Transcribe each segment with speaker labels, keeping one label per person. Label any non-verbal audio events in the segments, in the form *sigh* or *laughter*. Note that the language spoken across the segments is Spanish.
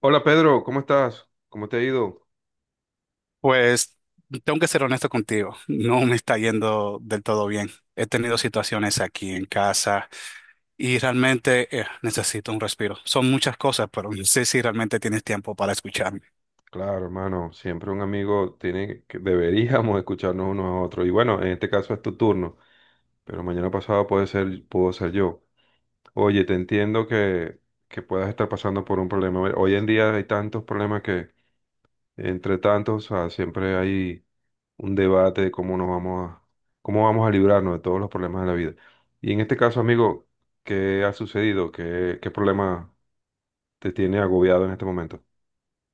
Speaker 1: Hola Pedro, ¿cómo estás? ¿Cómo te ha ido?
Speaker 2: Pues tengo que ser honesto contigo, no me está yendo del todo bien. He tenido situaciones aquí en casa y realmente necesito un respiro. Son muchas cosas, pero no sé si realmente tienes tiempo para escucharme.
Speaker 1: Claro, hermano, siempre un amigo tiene que deberíamos escucharnos unos a otros. Y bueno, en este caso es tu turno, pero mañana pasado puede ser, puedo ser yo. Oye, te entiendo que puedas estar pasando por un problema. Bueno, hoy en día hay tantos problemas que, entre tantos, o sea, siempre hay un debate de cómo nos vamos cómo vamos a librarnos de todos los problemas de la vida. Y en este caso, amigo, ¿qué ha sucedido? ¿Qué problema te tiene agobiado en este momento?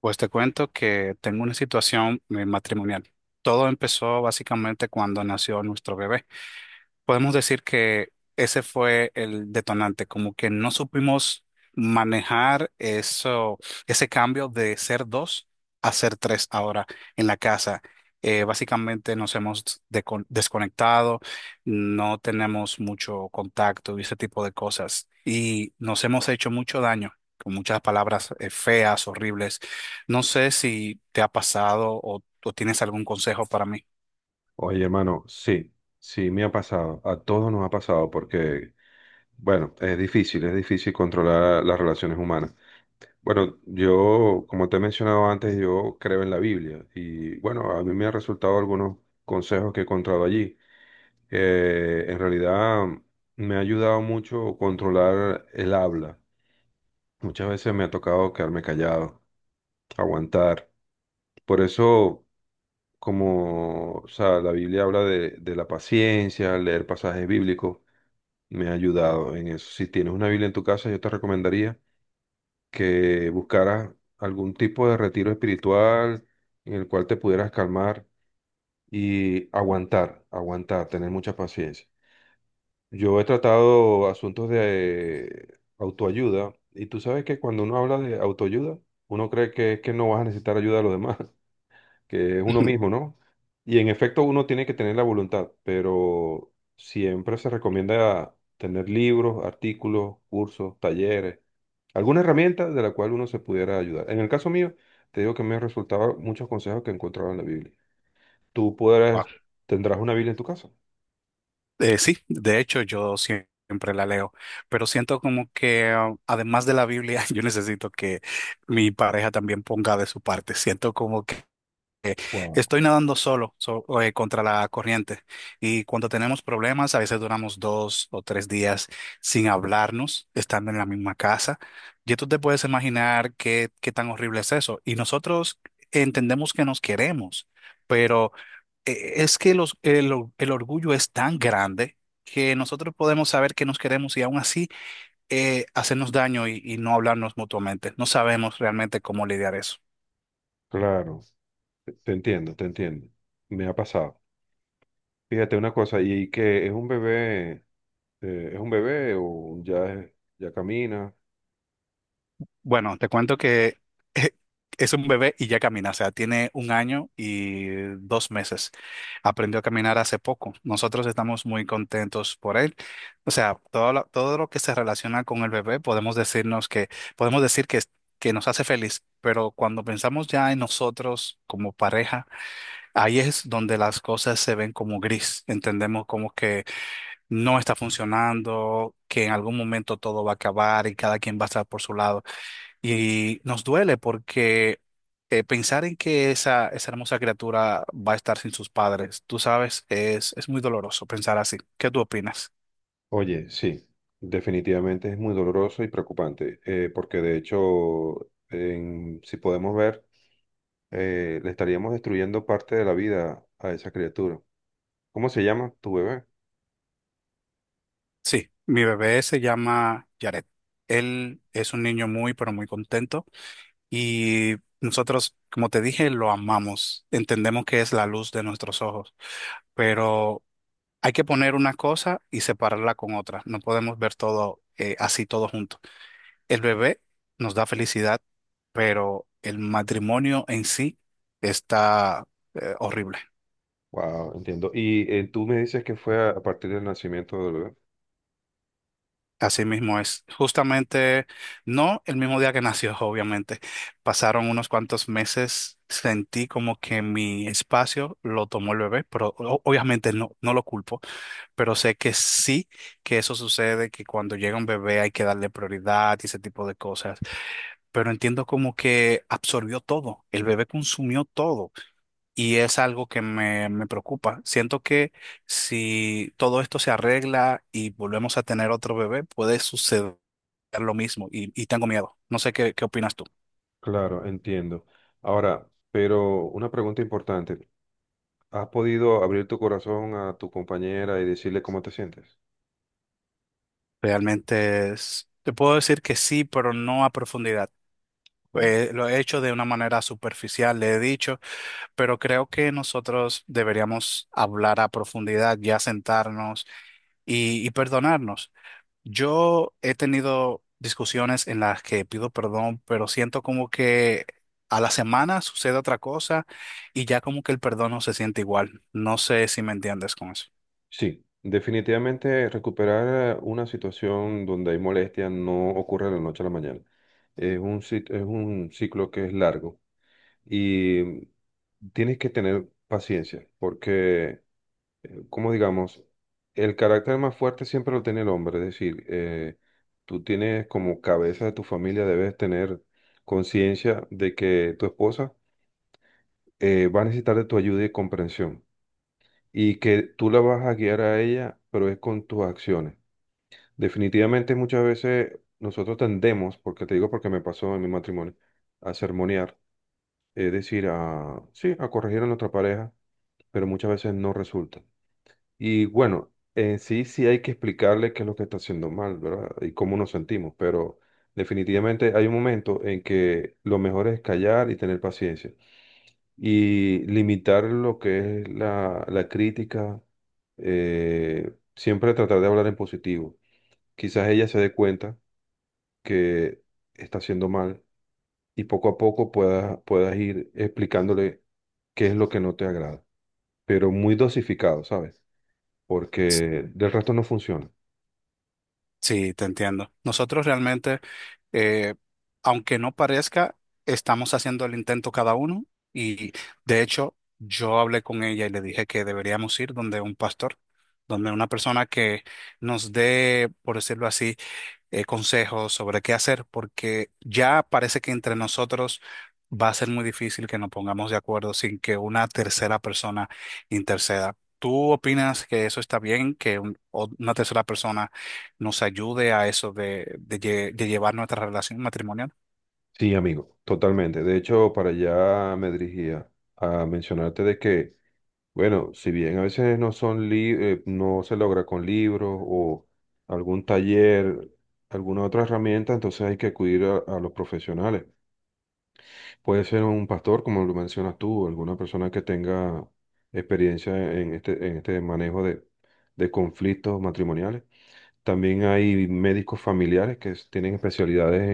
Speaker 2: Pues te cuento que tengo una situación matrimonial. Todo empezó básicamente cuando nació nuestro bebé. Podemos decir que ese fue el detonante, como que no supimos manejar eso, ese cambio de ser dos a ser tres ahora en la casa. Básicamente nos hemos desconectado, no tenemos mucho contacto y ese tipo de cosas. Y nos hemos hecho mucho daño con muchas palabras feas, horribles. No sé si te ha pasado o tienes algún consejo para mí.
Speaker 1: Oye, hermano, sí, sí me ha pasado, a todos nos ha pasado porque, bueno, es difícil controlar las relaciones humanas. Bueno, yo, como te he mencionado antes, yo creo en la Biblia y, bueno, a mí me han resultado algunos consejos que he encontrado allí. En realidad me ha ayudado mucho controlar el habla. Muchas veces me ha tocado quedarme callado, aguantar. Por eso como, o sea, la Biblia habla de la paciencia, leer pasajes bíblicos, me ha ayudado en eso. Si tienes una Biblia en tu casa, yo te recomendaría que buscaras algún tipo de retiro espiritual en el cual te pudieras calmar y aguantar, aguantar, tener mucha paciencia. Yo he tratado asuntos de autoayuda y tú sabes que cuando uno habla de autoayuda, uno cree que es que no vas a necesitar ayuda de los demás. *laughs* Que es uno mismo,
Speaker 2: *laughs*
Speaker 1: ¿no? Y en efecto uno tiene que tener la voluntad, pero siempre se recomienda tener libros, artículos, cursos, talleres, alguna herramienta de la cual uno se pudiera ayudar. En el caso mío, te digo que me resultaban muchos consejos que encontraba en la Biblia. Tú podrás, tendrás una Biblia en tu casa.
Speaker 2: Sí, de hecho yo siempre la leo, pero siento como que ah, además de la Biblia, *laughs* yo necesito que mi pareja también ponga de su parte. Siento como que
Speaker 1: Wow.
Speaker 2: estoy nadando solo, contra la corriente y cuando tenemos problemas, a veces duramos dos o tres días sin hablarnos, estando en la misma casa. Y tú te puedes imaginar qué, qué tan horrible es eso. Y nosotros entendemos que nos queremos. Pero es que el orgullo es tan grande que nosotros podemos saber que nos queremos y aún así hacernos daño y no hablarnos mutuamente. No sabemos realmente cómo lidiar eso.
Speaker 1: Claro, te entiendo, te entiendo. Me ha pasado. Fíjate una cosa, y que es un bebé o ya, ya camina.
Speaker 2: Bueno, te cuento que *laughs* es un bebé y ya camina, o sea, tiene un año y dos meses. Aprendió a caminar hace poco. Nosotros estamos muy contentos por él. O sea, todo lo que se relaciona con el bebé, podemos decir que, que nos hace feliz, pero cuando pensamos ya en nosotros como pareja, ahí es donde las cosas se ven como gris. Entendemos como que no está funcionando, que en algún momento todo va a acabar y cada quien va a estar por su lado. Y nos duele porque pensar en que esa hermosa criatura va a estar sin sus padres, tú sabes, es muy doloroso pensar así. ¿Qué tú opinas?
Speaker 1: Oye, sí, definitivamente es muy doloroso y preocupante, porque de hecho, si podemos ver, le estaríamos destruyendo parte de la vida a esa criatura. ¿Cómo se llama tu bebé?
Speaker 2: Sí, mi bebé se llama Jared. Él es un niño muy, pero muy contento y nosotros, como te dije, lo amamos. Entendemos que es la luz de nuestros ojos, pero hay que poner una cosa y separarla con otra. No podemos ver todo así, todo junto. El bebé nos da felicidad, pero el matrimonio en sí está horrible.
Speaker 1: Wow, entiendo. Y tú me dices que fue a partir del nacimiento del bebé.
Speaker 2: Así mismo es. Justamente, no el mismo día que nació, *laughs* obviamente. Pasaron unos cuantos meses, sentí como que mi espacio lo tomó el bebé, pero obviamente no lo culpo, pero sé que sí que eso sucede, que cuando llega un bebé hay que darle prioridad y ese tipo de cosas. Pero entiendo como que absorbió todo, el bebé consumió todo. Y es algo que me preocupa. Siento que si todo esto se arregla y volvemos a tener otro bebé, puede suceder lo mismo y tengo miedo. No sé qué, qué opinas tú.
Speaker 1: Claro, entiendo. Ahora, pero una pregunta importante. ¿Has podido abrir tu corazón a tu compañera y decirle cómo te sientes?
Speaker 2: Realmente te puedo decir que sí, pero no a profundidad. Lo he hecho de una manera superficial, le he dicho, pero creo que nosotros deberíamos hablar a profundidad, ya sentarnos y perdonarnos. Yo he tenido discusiones en las que pido perdón, pero siento como que a la semana sucede otra cosa y ya como que el perdón no se siente igual. No sé si me entiendes con eso.
Speaker 1: Sí, definitivamente recuperar una situación donde hay molestia no ocurre de la noche a la mañana. Es es un ciclo que es largo y tienes que tener paciencia porque, como digamos, el carácter más fuerte siempre lo tiene el hombre. Es decir, tú tienes como cabeza de tu familia, debes tener conciencia de que tu esposa va a necesitar de tu ayuda y comprensión y que tú la vas a guiar a ella, pero es con tus acciones. Definitivamente muchas veces nosotros tendemos, porque te digo porque me pasó en mi matrimonio, a sermonear, es decir, a, sí, a corregir a nuestra pareja, pero muchas veces no resulta. Y bueno, en sí sí hay que explicarle qué es lo que está haciendo mal, ¿verdad? Y cómo nos sentimos, pero definitivamente hay un momento en que lo mejor es callar y tener paciencia y limitar lo que es la crítica, siempre tratar de hablar en positivo. Quizás ella se dé cuenta que está haciendo mal y poco a poco puedas ir explicándole qué es lo que no te agrada, pero muy dosificado, ¿sabes?
Speaker 2: S-
Speaker 1: Porque del resto no funciona.
Speaker 2: Sí, te entiendo. Nosotros realmente, eh, aunque no parezca, estamos haciendo el intento cada uno y de hecho yo hablé con ella y le dije que deberíamos ir donde un pastor, donde una persona que nos dé, por decirlo así, consejos sobre qué hacer, porque ya parece que entre nosotros va a ser muy difícil que nos pongamos de acuerdo sin que una tercera persona interceda. ¿Tú opinas que eso está bien, que una tercera persona nos ayude a eso de, de llevar nuestra relación matrimonial?
Speaker 1: Sí, amigo, totalmente. De hecho, para allá me dirigía a mencionarte de que, bueno, si bien a veces no son no se logra con libros o algún taller, alguna otra herramienta, entonces hay que acudir a los profesionales. Puede ser un pastor, como lo mencionas tú, alguna persona que tenga experiencia en este manejo de conflictos matrimoniales. También hay médicos familiares que tienen especialidades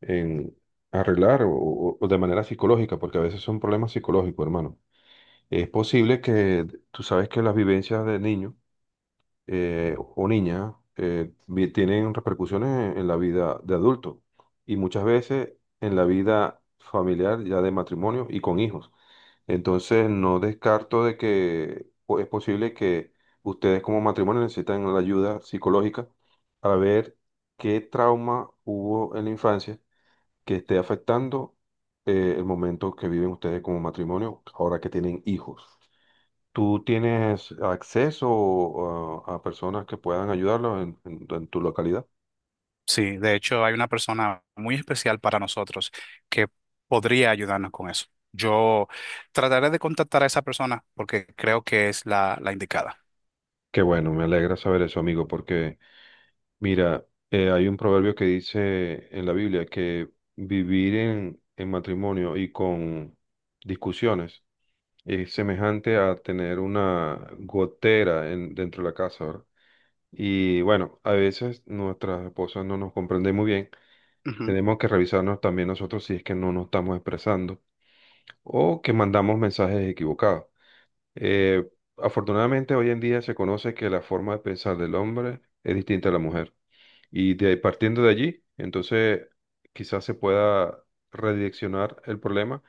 Speaker 1: en arreglar o de manera psicológica, porque a veces son problemas psicológicos, hermano. Es posible que tú sabes que las vivencias de niños o niña tienen repercusiones en la vida de adulto y muchas veces en la vida familiar ya de matrimonio y con hijos. Entonces no descarto de que es posible que ustedes como matrimonio necesitan la ayuda psicológica para ver qué trauma hubo en la infancia que esté afectando el momento que viven ustedes como matrimonio ahora que tienen hijos. ¿Tú tienes acceso a, personas que puedan ayudarlos en, en tu localidad?
Speaker 2: Sí, de hecho hay una persona muy especial para nosotros que podría ayudarnos con eso. Yo trataré de contactar a esa persona porque creo que es la indicada.
Speaker 1: Qué bueno, me alegra saber eso, amigo, porque mira, hay un proverbio que dice en la Biblia que vivir en matrimonio y con discusiones es semejante a tener una gotera dentro de la casa, ¿verdad? Y bueno, a veces nuestras esposas no nos comprenden muy bien. Tenemos que revisarnos también nosotros si es que no nos estamos expresando o que mandamos mensajes equivocados. Eh, Afortunadamente, hoy en día se conoce que la forma de pensar del hombre es distinta a la mujer. Y partiendo de allí, entonces quizás se pueda redireccionar el problema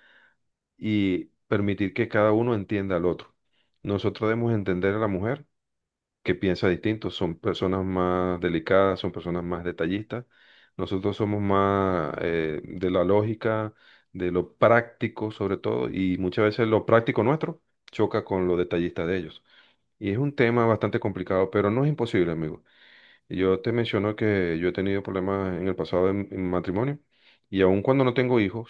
Speaker 1: y permitir que cada uno entienda al otro. Nosotros debemos entender a la mujer que piensa distinto, son personas más delicadas, son personas más detallistas. Nosotros somos más de la lógica, de lo práctico sobre todo, y muchas veces lo práctico nuestro choca con lo detallista de ellos. Y es un tema bastante complicado, pero no es imposible, amigo. Y yo te menciono que yo he tenido problemas en el pasado en matrimonio, y aun cuando no tengo hijos,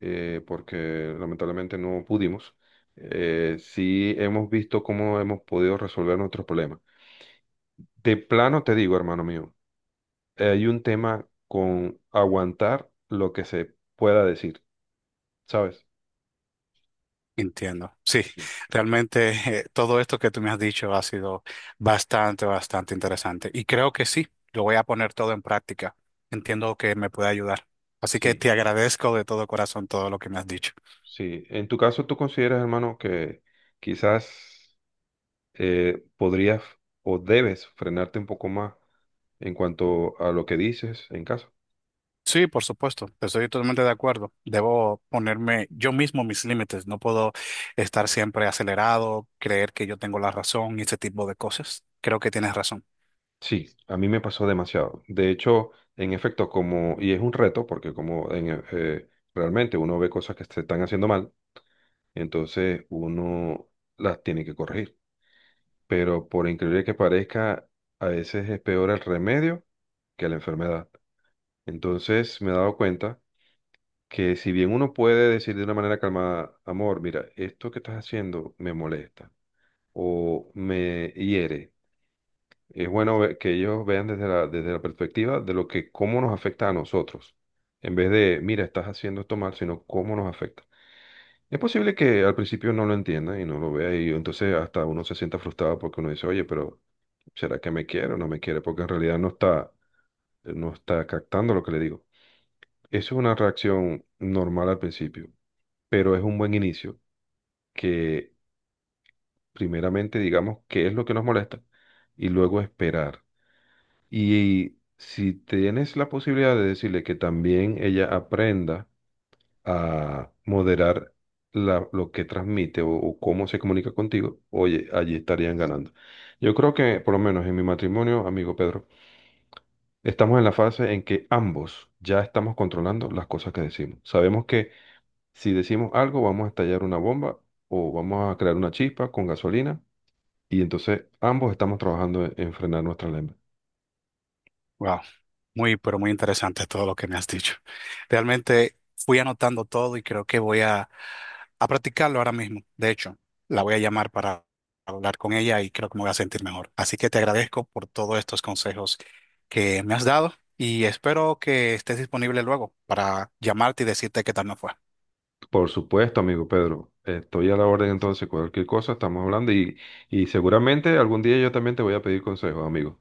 Speaker 1: porque lamentablemente no pudimos, sí hemos visto cómo hemos podido resolver nuestros problemas. De plano te digo, hermano mío, hay un tema con aguantar lo que se pueda decir, ¿sabes?
Speaker 2: Entiendo. Sí, realmente todo esto que tú me has dicho ha sido bastante interesante. Y creo que sí, lo voy a poner todo en práctica. Entiendo que me puede ayudar. Así que
Speaker 1: Sí.
Speaker 2: te agradezco de todo corazón todo lo que me has dicho.
Speaker 1: Sí, en tu caso tú consideras, hermano, que quizás podrías o debes frenarte un poco más en cuanto a lo que dices en casa.
Speaker 2: Sí, por supuesto, estoy totalmente de acuerdo. Debo ponerme yo mismo mis límites. No puedo estar siempre acelerado, creer que yo tengo la razón y ese tipo de cosas. Creo que tienes razón.
Speaker 1: Sí, a mí me pasó demasiado. De hecho, en efecto, como, y es un reto, porque como en, realmente uno ve cosas que se están haciendo mal, entonces uno las tiene que corregir. Pero por increíble que parezca, a veces es peor el remedio que la enfermedad. Entonces me he dado cuenta que si bien uno puede decir de una manera calmada, amor, mira, esto que estás haciendo me molesta o me hiere, es bueno que ellos vean desde desde la perspectiva de lo que, cómo nos afecta a nosotros, en vez de, mira, estás haciendo esto mal, sino cómo nos afecta. Es posible que al principio no lo entienda y no lo vea y entonces hasta uno se sienta frustrado porque uno dice, oye, pero ¿será que me quiere o no me quiere? Porque en realidad no está captando lo que le digo. Eso es una reacción normal al principio, pero es un buen inicio que primeramente digamos qué es lo que nos molesta y luego esperar. Y si tienes la posibilidad de decirle que también ella aprenda a moderar lo que transmite o cómo se comunica contigo, oye, allí estarían ganando. Yo creo que, por lo menos en mi matrimonio, amigo Pedro, estamos en la fase en que ambos ya estamos controlando las cosas que decimos. Sabemos que si decimos algo, vamos a estallar una bomba o vamos a crear una chispa con gasolina y entonces ambos estamos trabajando en frenar nuestra lengua.
Speaker 2: Wow. Muy, pero muy interesante todo lo que me has dicho. Realmente fui anotando todo y creo que a practicarlo ahora mismo. De hecho, la voy a llamar para hablar con ella y creo que me voy a sentir mejor. Así que te agradezco por todos estos consejos que me has dado y espero que estés disponible luego para llamarte y decirte qué tal me fue.
Speaker 1: Por supuesto, amigo Pedro, estoy a la orden entonces, cualquier cosa estamos hablando y seguramente algún día yo también te voy a pedir consejos, amigo.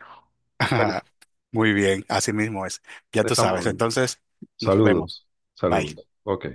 Speaker 1: Bueno,
Speaker 2: *laughs* Muy bien, así mismo es. Ya tú
Speaker 1: estamos
Speaker 2: sabes.
Speaker 1: hablando.
Speaker 2: Entonces, nos vemos.
Speaker 1: Saludos, saludos.
Speaker 2: Bye.
Speaker 1: Ok.